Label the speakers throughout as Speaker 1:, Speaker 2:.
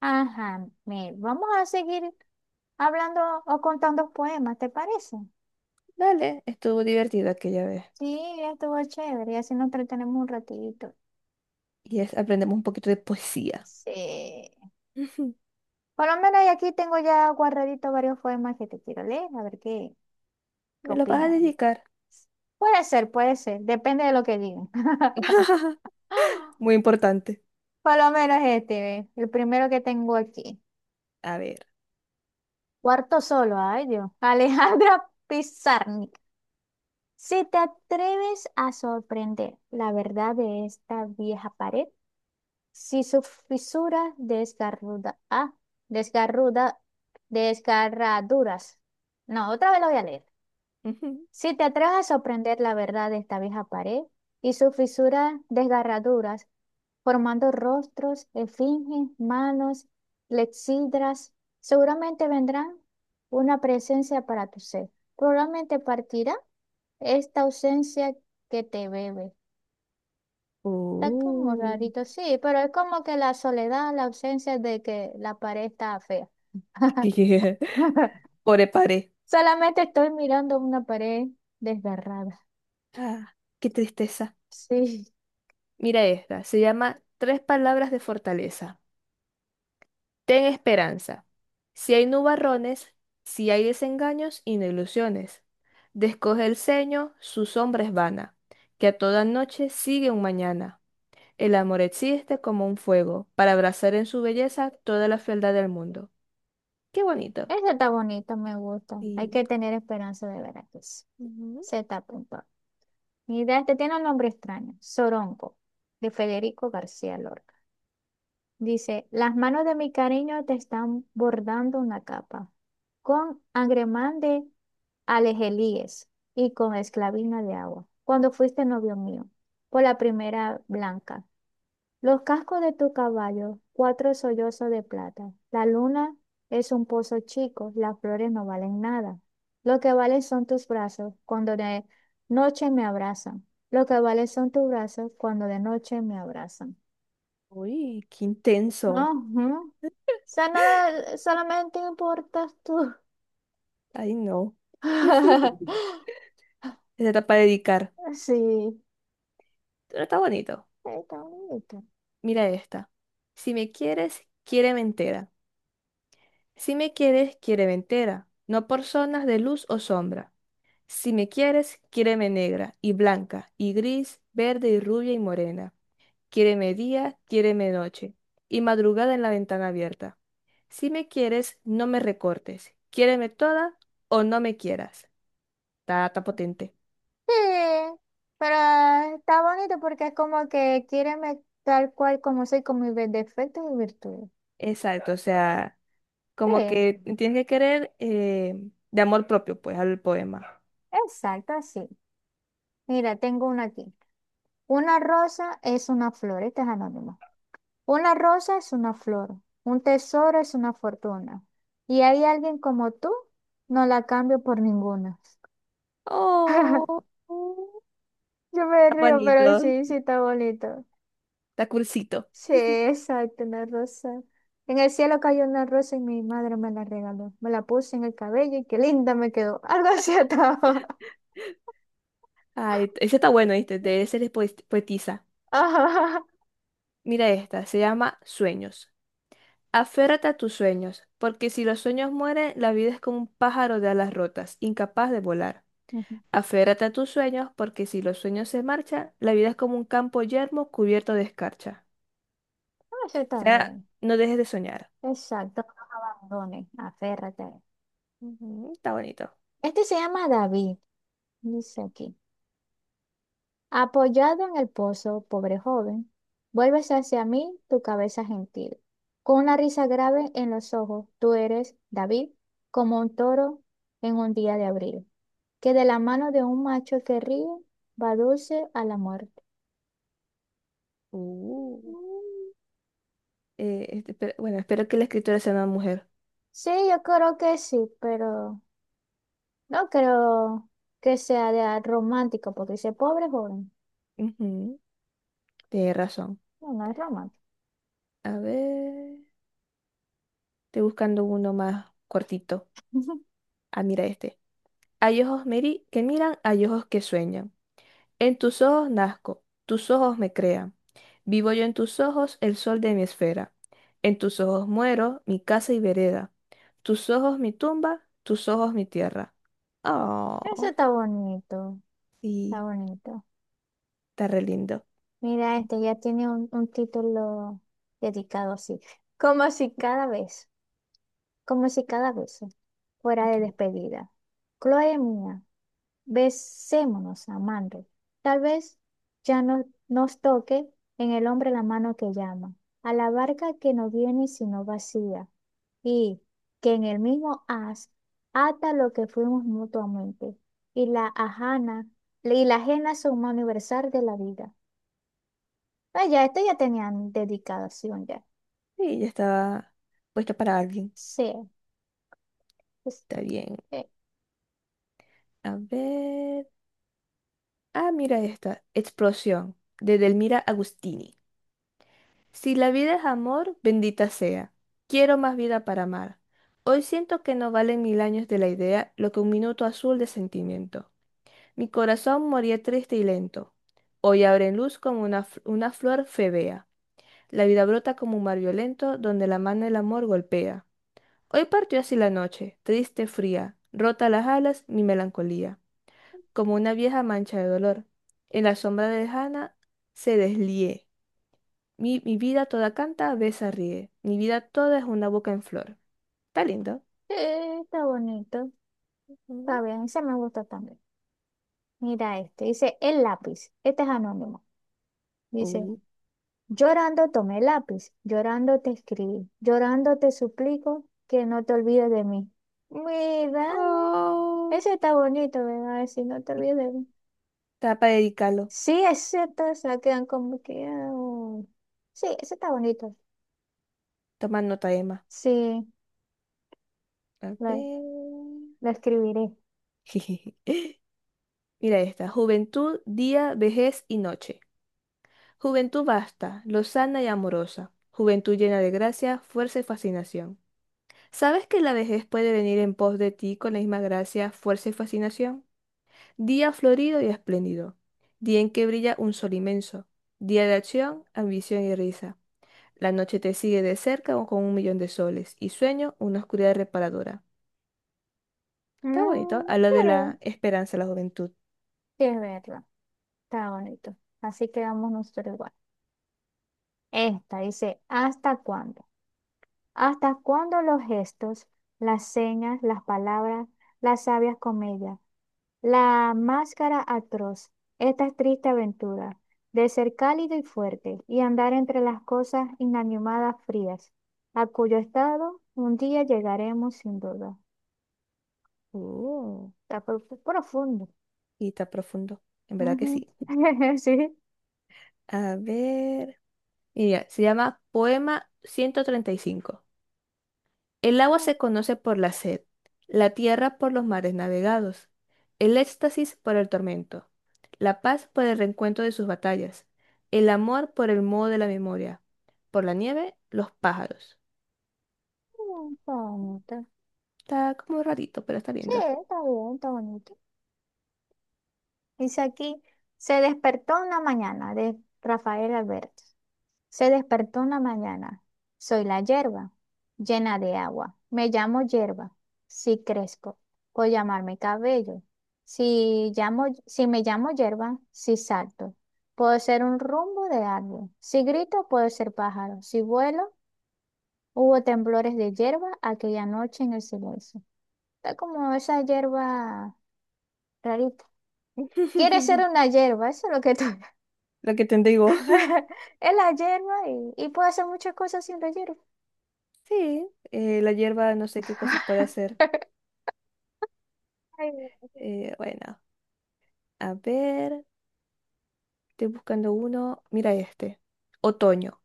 Speaker 1: Ajá, mira, vamos a seguir hablando o contando poemas, ¿te parece?
Speaker 2: Dale, estuvo divertido aquella vez.
Speaker 1: Sí, estuvo chévere, y así nos entretenemos un ratito.
Speaker 2: Y es, aprendemos un poquito de poesía.
Speaker 1: Sí.
Speaker 2: Ujú.
Speaker 1: Por lo menos y aquí tengo ya guardaditos varios poemas que te quiero leer, a ver qué, qué
Speaker 2: ¿Me lo vas a
Speaker 1: opinas.
Speaker 2: dedicar?
Speaker 1: Puede ser, depende de lo que digan.
Speaker 2: Muy importante.
Speaker 1: Por lo menos este, ve, el primero que tengo aquí.
Speaker 2: A ver.
Speaker 1: Cuarto solo, ay Dios. Alejandra Pizarnik. Si te atreves a sorprender la verdad de esta vieja pared, si su fisura desgarruda, desgarraduras. No, otra vez lo voy a leer.
Speaker 2: Ujú.
Speaker 1: Si te atreves a sorprender la verdad de esta vieja pared y sus fisuras desgarraduras, formando rostros, esfinges, manos, lexidras, seguramente vendrán una presencia para tu ser. Probablemente partirá esta ausencia que te bebe. Está como
Speaker 2: Uh,
Speaker 1: rarito, sí, pero es como que la soledad, la ausencia de que la pared está fea.
Speaker 2: yeah. Pobre paré.
Speaker 1: Solamente estoy mirando una pared desgarrada.
Speaker 2: Ah, qué tristeza.
Speaker 1: Sí,
Speaker 2: Mira esta. Se llama Tres palabras de fortaleza. Ten esperanza. Si hay nubarrones, si hay desengaños y no ilusiones. Descoge el ceño, su sombra es vana, que a toda noche sigue un mañana. El amor existe como un fuego, para abrazar en su belleza toda la fealdad del mundo. Qué bonito.
Speaker 1: esa está bonita, me gusta. Hay
Speaker 2: Sí.
Speaker 1: que tener esperanza de ver que sí.
Speaker 2: Ujú.
Speaker 1: Se está apuntando. Mira, este tiene un nombre extraño, Soronco, de Federico García Lorca. Dice, las manos de mi cariño te están bordando una capa con agremán de alejelíes y con esclavina de agua. Cuando fuiste novio mío, por la primera blanca. Los cascos de tu caballo, cuatro sollozos de plata. La luna es un pozo chico, las flores no valen nada. Lo que valen son tus brazos cuando de noche me abrazan. Lo que valen son tus brazos cuando de noche me abrazan.
Speaker 2: Uy, qué
Speaker 1: Ajá.
Speaker 2: intenso.
Speaker 1: O sea, nada, solamente importas tú.
Speaker 2: Ay, no. Esa está para dedicar.
Speaker 1: Sí,
Speaker 2: Pero está bonito.
Speaker 1: está bonito.
Speaker 2: Mira esta. Si me quieres, quiéreme entera. Si me quieres, quiéreme entera. No por zonas de luz o sombra. Si me quieres, quiéreme negra y blanca y gris, verde y rubia y morena. Quiéreme día, quiéreme noche, y madrugada en la ventana abierta. Si me quieres, no me recortes. Quiéreme toda o no me quieras. Está, está potente.
Speaker 1: Sí, pero está bonito porque es como que quiéreme tal cual como soy, con mis defectos y virtudes.
Speaker 2: Exacto, o sea, como
Speaker 1: Sí,
Speaker 2: que tienes que querer de amor propio, pues, al poema.
Speaker 1: exacto, así. Mira, tengo una aquí. Una rosa es una flor, este es anónimo. Una rosa es una flor, un tesoro es una fortuna. Y hay alguien como tú, no la cambio por ninguna.
Speaker 2: Oh, oh,
Speaker 1: Yo me
Speaker 2: está
Speaker 1: río, pero
Speaker 2: bonito,
Speaker 1: sí, sí está bonito.
Speaker 2: está cursito.
Speaker 1: Sí, exacto, una rosa. En el cielo cayó una rosa y mi madre me la regaló. Me la puse en el cabello y qué linda me quedó. Algo así estaba.
Speaker 2: Ay, ese está bueno, este, de ese les poetiza.
Speaker 1: Ajá.
Speaker 2: Mira esta, se llama Sueños. Aférrate a tus sueños, porque si los sueños mueren, la vida es como un pájaro de alas rotas, incapaz de volar.
Speaker 1: Ujú.
Speaker 2: Aférrate a tus sueños, porque si los sueños se marchan, la vida es como un campo yermo cubierto de escarcha.
Speaker 1: Eso
Speaker 2: O
Speaker 1: está
Speaker 2: sea,
Speaker 1: bien.
Speaker 2: no dejes de soñar.
Speaker 1: Exacto, no nos abandones, aférrate.
Speaker 2: Ujú, está bonito.
Speaker 1: Este se llama David, dice aquí. Apoyado en el pozo, pobre joven, vuelves hacia mí tu cabeza gentil. Con una risa grave en los ojos, tú eres, David, como un toro en un día de abril, que de la mano de un macho que ríe va dulce a la muerte.
Speaker 2: Uh,
Speaker 1: Mm,
Speaker 2: Este, bueno, espero que la escritora sea una mujer.
Speaker 1: sí, yo creo que sí, pero no creo que sea de romántico, porque dice pobre joven.
Speaker 2: Ujú, tienes razón.
Speaker 1: No, no es romántico.
Speaker 2: A ver, estoy buscando uno más cortito. Ah, mira este. Hay ojos, Mary, que miran, hay ojos que sueñan. En tus ojos nazco, tus ojos me crean. Vivo yo en tus ojos, el sol de mi esfera. En tus ojos muero, mi casa y vereda. Tus ojos mi tumba, tus ojos mi tierra.
Speaker 1: Eso
Speaker 2: Oh,
Speaker 1: está bonito, está
Speaker 2: sí,
Speaker 1: bonito.
Speaker 2: está re lindo.
Speaker 1: Mira, este ya tiene un título dedicado así. Como si cada vez, como si cada vez fuera de despedida. Chloe mía, besémonos, amando. Tal vez ya no, nos toque en el hombre la mano que llama, a la barca que no viene sino vacía, y que en el mismo haz ata lo que fuimos mutuamente, y la ajana, y la ajena suma universal de la vida. Ah, ya, esto ya tenían dedicación ya.
Speaker 2: Sí, ya estaba puesta para alguien.
Speaker 1: Sí, pues,
Speaker 2: Está bien.
Speaker 1: eh,
Speaker 2: A ver. Ah, mira esta. Explosión, de Delmira Agustini. Si la vida es amor, bendita sea. Quiero más vida para amar. Hoy siento que no valen mil años de la idea lo que un minuto azul de sentimiento. Mi corazón moría triste y lento. Hoy abre en luz como una, una flor febea. La vida brota como un mar violento donde la mano del amor golpea. Hoy partió así la noche, triste, fría, rota las alas, mi melancolía, como una vieja mancha de dolor. En la sombra lejana se deslié. Mi vida toda canta, besa, ríe. Mi vida toda es una boca en flor. Está lindo.
Speaker 1: está bonito. Está
Speaker 2: Ujú.
Speaker 1: bien, ese me gusta también. Mira este, dice el lápiz. Este es anónimo. Dice,
Speaker 2: Uh.
Speaker 1: llorando tomé el lápiz, llorando te escribí, llorando te suplico que no te olvides de mí. Mira,
Speaker 2: Oh.
Speaker 1: ese está bonito, ¿verdad? Si no te olvides de mí.
Speaker 2: Está para dedicarlo.
Speaker 1: Sí, es cierto, se quedan como que... ah, sí, ese está bonito.
Speaker 2: Toma nota, Emma.
Speaker 1: Sí,
Speaker 2: A
Speaker 1: lo,
Speaker 2: ver.
Speaker 1: lo escribiré.
Speaker 2: Mira esta. Juventud, día, vejez y noche. Juventud vasta, lozana y amorosa. Juventud llena de gracia, fuerza y fascinación. ¿Sabes que la vejez puede venir en pos de ti con la misma gracia, fuerza y fascinación? Día florido y espléndido, día en que brilla un sol inmenso, día de acción, ambición y risa. La noche te sigue de cerca o con un millón de soles y sueño una oscuridad reparadora. Está bonito,
Speaker 1: Mm,
Speaker 2: habla de
Speaker 1: sí,
Speaker 2: la esperanza, la juventud.
Speaker 1: es verdad, está bonito. Así quedamos nosotros igual. Esta dice, ¿hasta cuándo? ¿Hasta cuándo los gestos, las señas, las palabras, las sabias comedias, la máscara atroz, esta triste aventura de ser cálido y fuerte y andar entre las cosas inanimadas frías, a cuyo estado un día llegaremos sin duda?
Speaker 2: Oh,
Speaker 1: Está profundo.
Speaker 2: y está profundo, en verdad que
Speaker 1: Ujú.
Speaker 2: sí.
Speaker 1: Sí.
Speaker 2: A ver, mira, se llama Poema 135. El agua se conoce por la sed, la tierra por los mares navegados, el éxtasis por el tormento, la paz por el reencuentro de sus batallas, el amor por el modo de la memoria, por la nieve, los pájaros.
Speaker 1: Está bonito.
Speaker 2: Está como rarito, pero está
Speaker 1: Sí,
Speaker 2: lindo.
Speaker 1: está bien, está bonito. Dice aquí, se despertó una mañana de Rafael Alberto. Se despertó una mañana. Soy la hierba, llena de agua. Me llamo hierba. Si crezco, puedo llamarme cabello. Si llamo, si me llamo hierba, si salto, puedo ser un rumbo de árbol. Si grito, puedo ser pájaro. Si vuelo, hubo temblores de hierba aquella noche en el silencio. Está como esa hierba rarita. Quiere ser una hierba, eso es lo que está.
Speaker 2: Lo que te digo.
Speaker 1: Es la hierba y puedo hacer muchas cosas sin la hierba.
Speaker 2: Sí, la hierba no sé qué cosas puede hacer.
Speaker 1: Ay,
Speaker 2: Bueno, a ver, estoy buscando uno. Mira este. Otoño.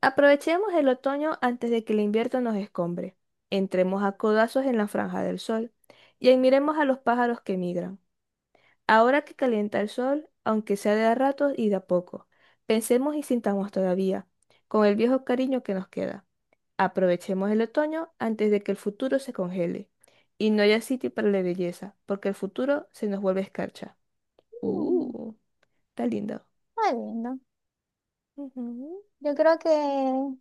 Speaker 2: Aprovechemos el otoño antes de que el invierno nos escombre. Entremos a codazos en la franja del sol y admiremos a los pájaros que migran. Ahora que calienta el sol, aunque sea de a ratos y de a poco, pensemos y sintamos todavía, con el viejo cariño que nos queda. Aprovechemos el otoño antes de que el futuro se congele y no haya sitio para la belleza, porque el futuro se nos vuelve escarcha.
Speaker 1: mm,
Speaker 2: Uh, está lindo.
Speaker 1: está lindo.
Speaker 2: Ujú.
Speaker 1: Yo creo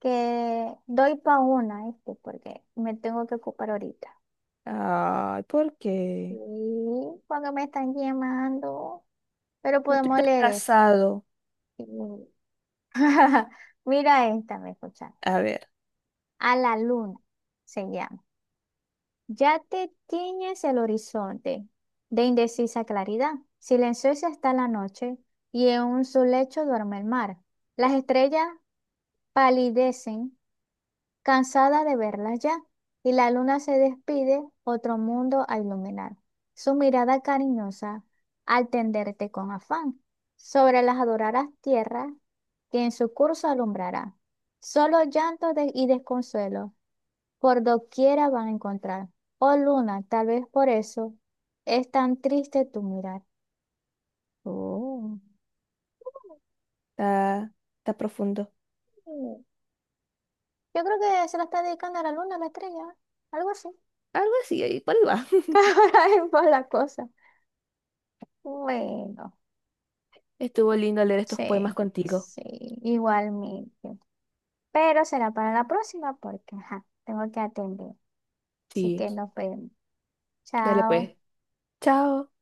Speaker 1: que doy pa' una, este, porque me tengo que ocupar ahorita.
Speaker 2: Ay, ¿por
Speaker 1: Sí,
Speaker 2: qué?
Speaker 1: porque me están llamando, pero
Speaker 2: No te
Speaker 1: podemos
Speaker 2: has
Speaker 1: leer esto.
Speaker 2: casado.
Speaker 1: Sí. Mira esta, me escuchan.
Speaker 2: A ver.
Speaker 1: A la luna se llama. Ya te tiñes el horizonte de indecisa claridad. Silenciosa está la noche y en su lecho duerme el mar. Las estrellas palidecen, cansada de verlas ya, y la luna se despide, otro mundo a iluminar. Su mirada cariñosa al tenderte con afán sobre las adoradas tierras que en su curso alumbrará. Solo llanto y desconsuelo por doquiera van a encontrar. Oh luna, tal vez por eso es tan triste tu mirar.
Speaker 2: Oh, está, está profundo.
Speaker 1: Mm, yo creo que se la está dedicando a la luna, a la estrella, algo así.
Speaker 2: Algo así, ahí por ahí va.
Speaker 1: Ahí va la cosa. Bueno,
Speaker 2: Estuvo lindo leer estos poemas
Speaker 1: sí,
Speaker 2: contigo.
Speaker 1: sí, igualmente. Pero será para la próxima porque ajá, tengo que atender. Así
Speaker 2: Sí,
Speaker 1: que nos vemos.
Speaker 2: dale
Speaker 1: Chao.
Speaker 2: pues. Chao.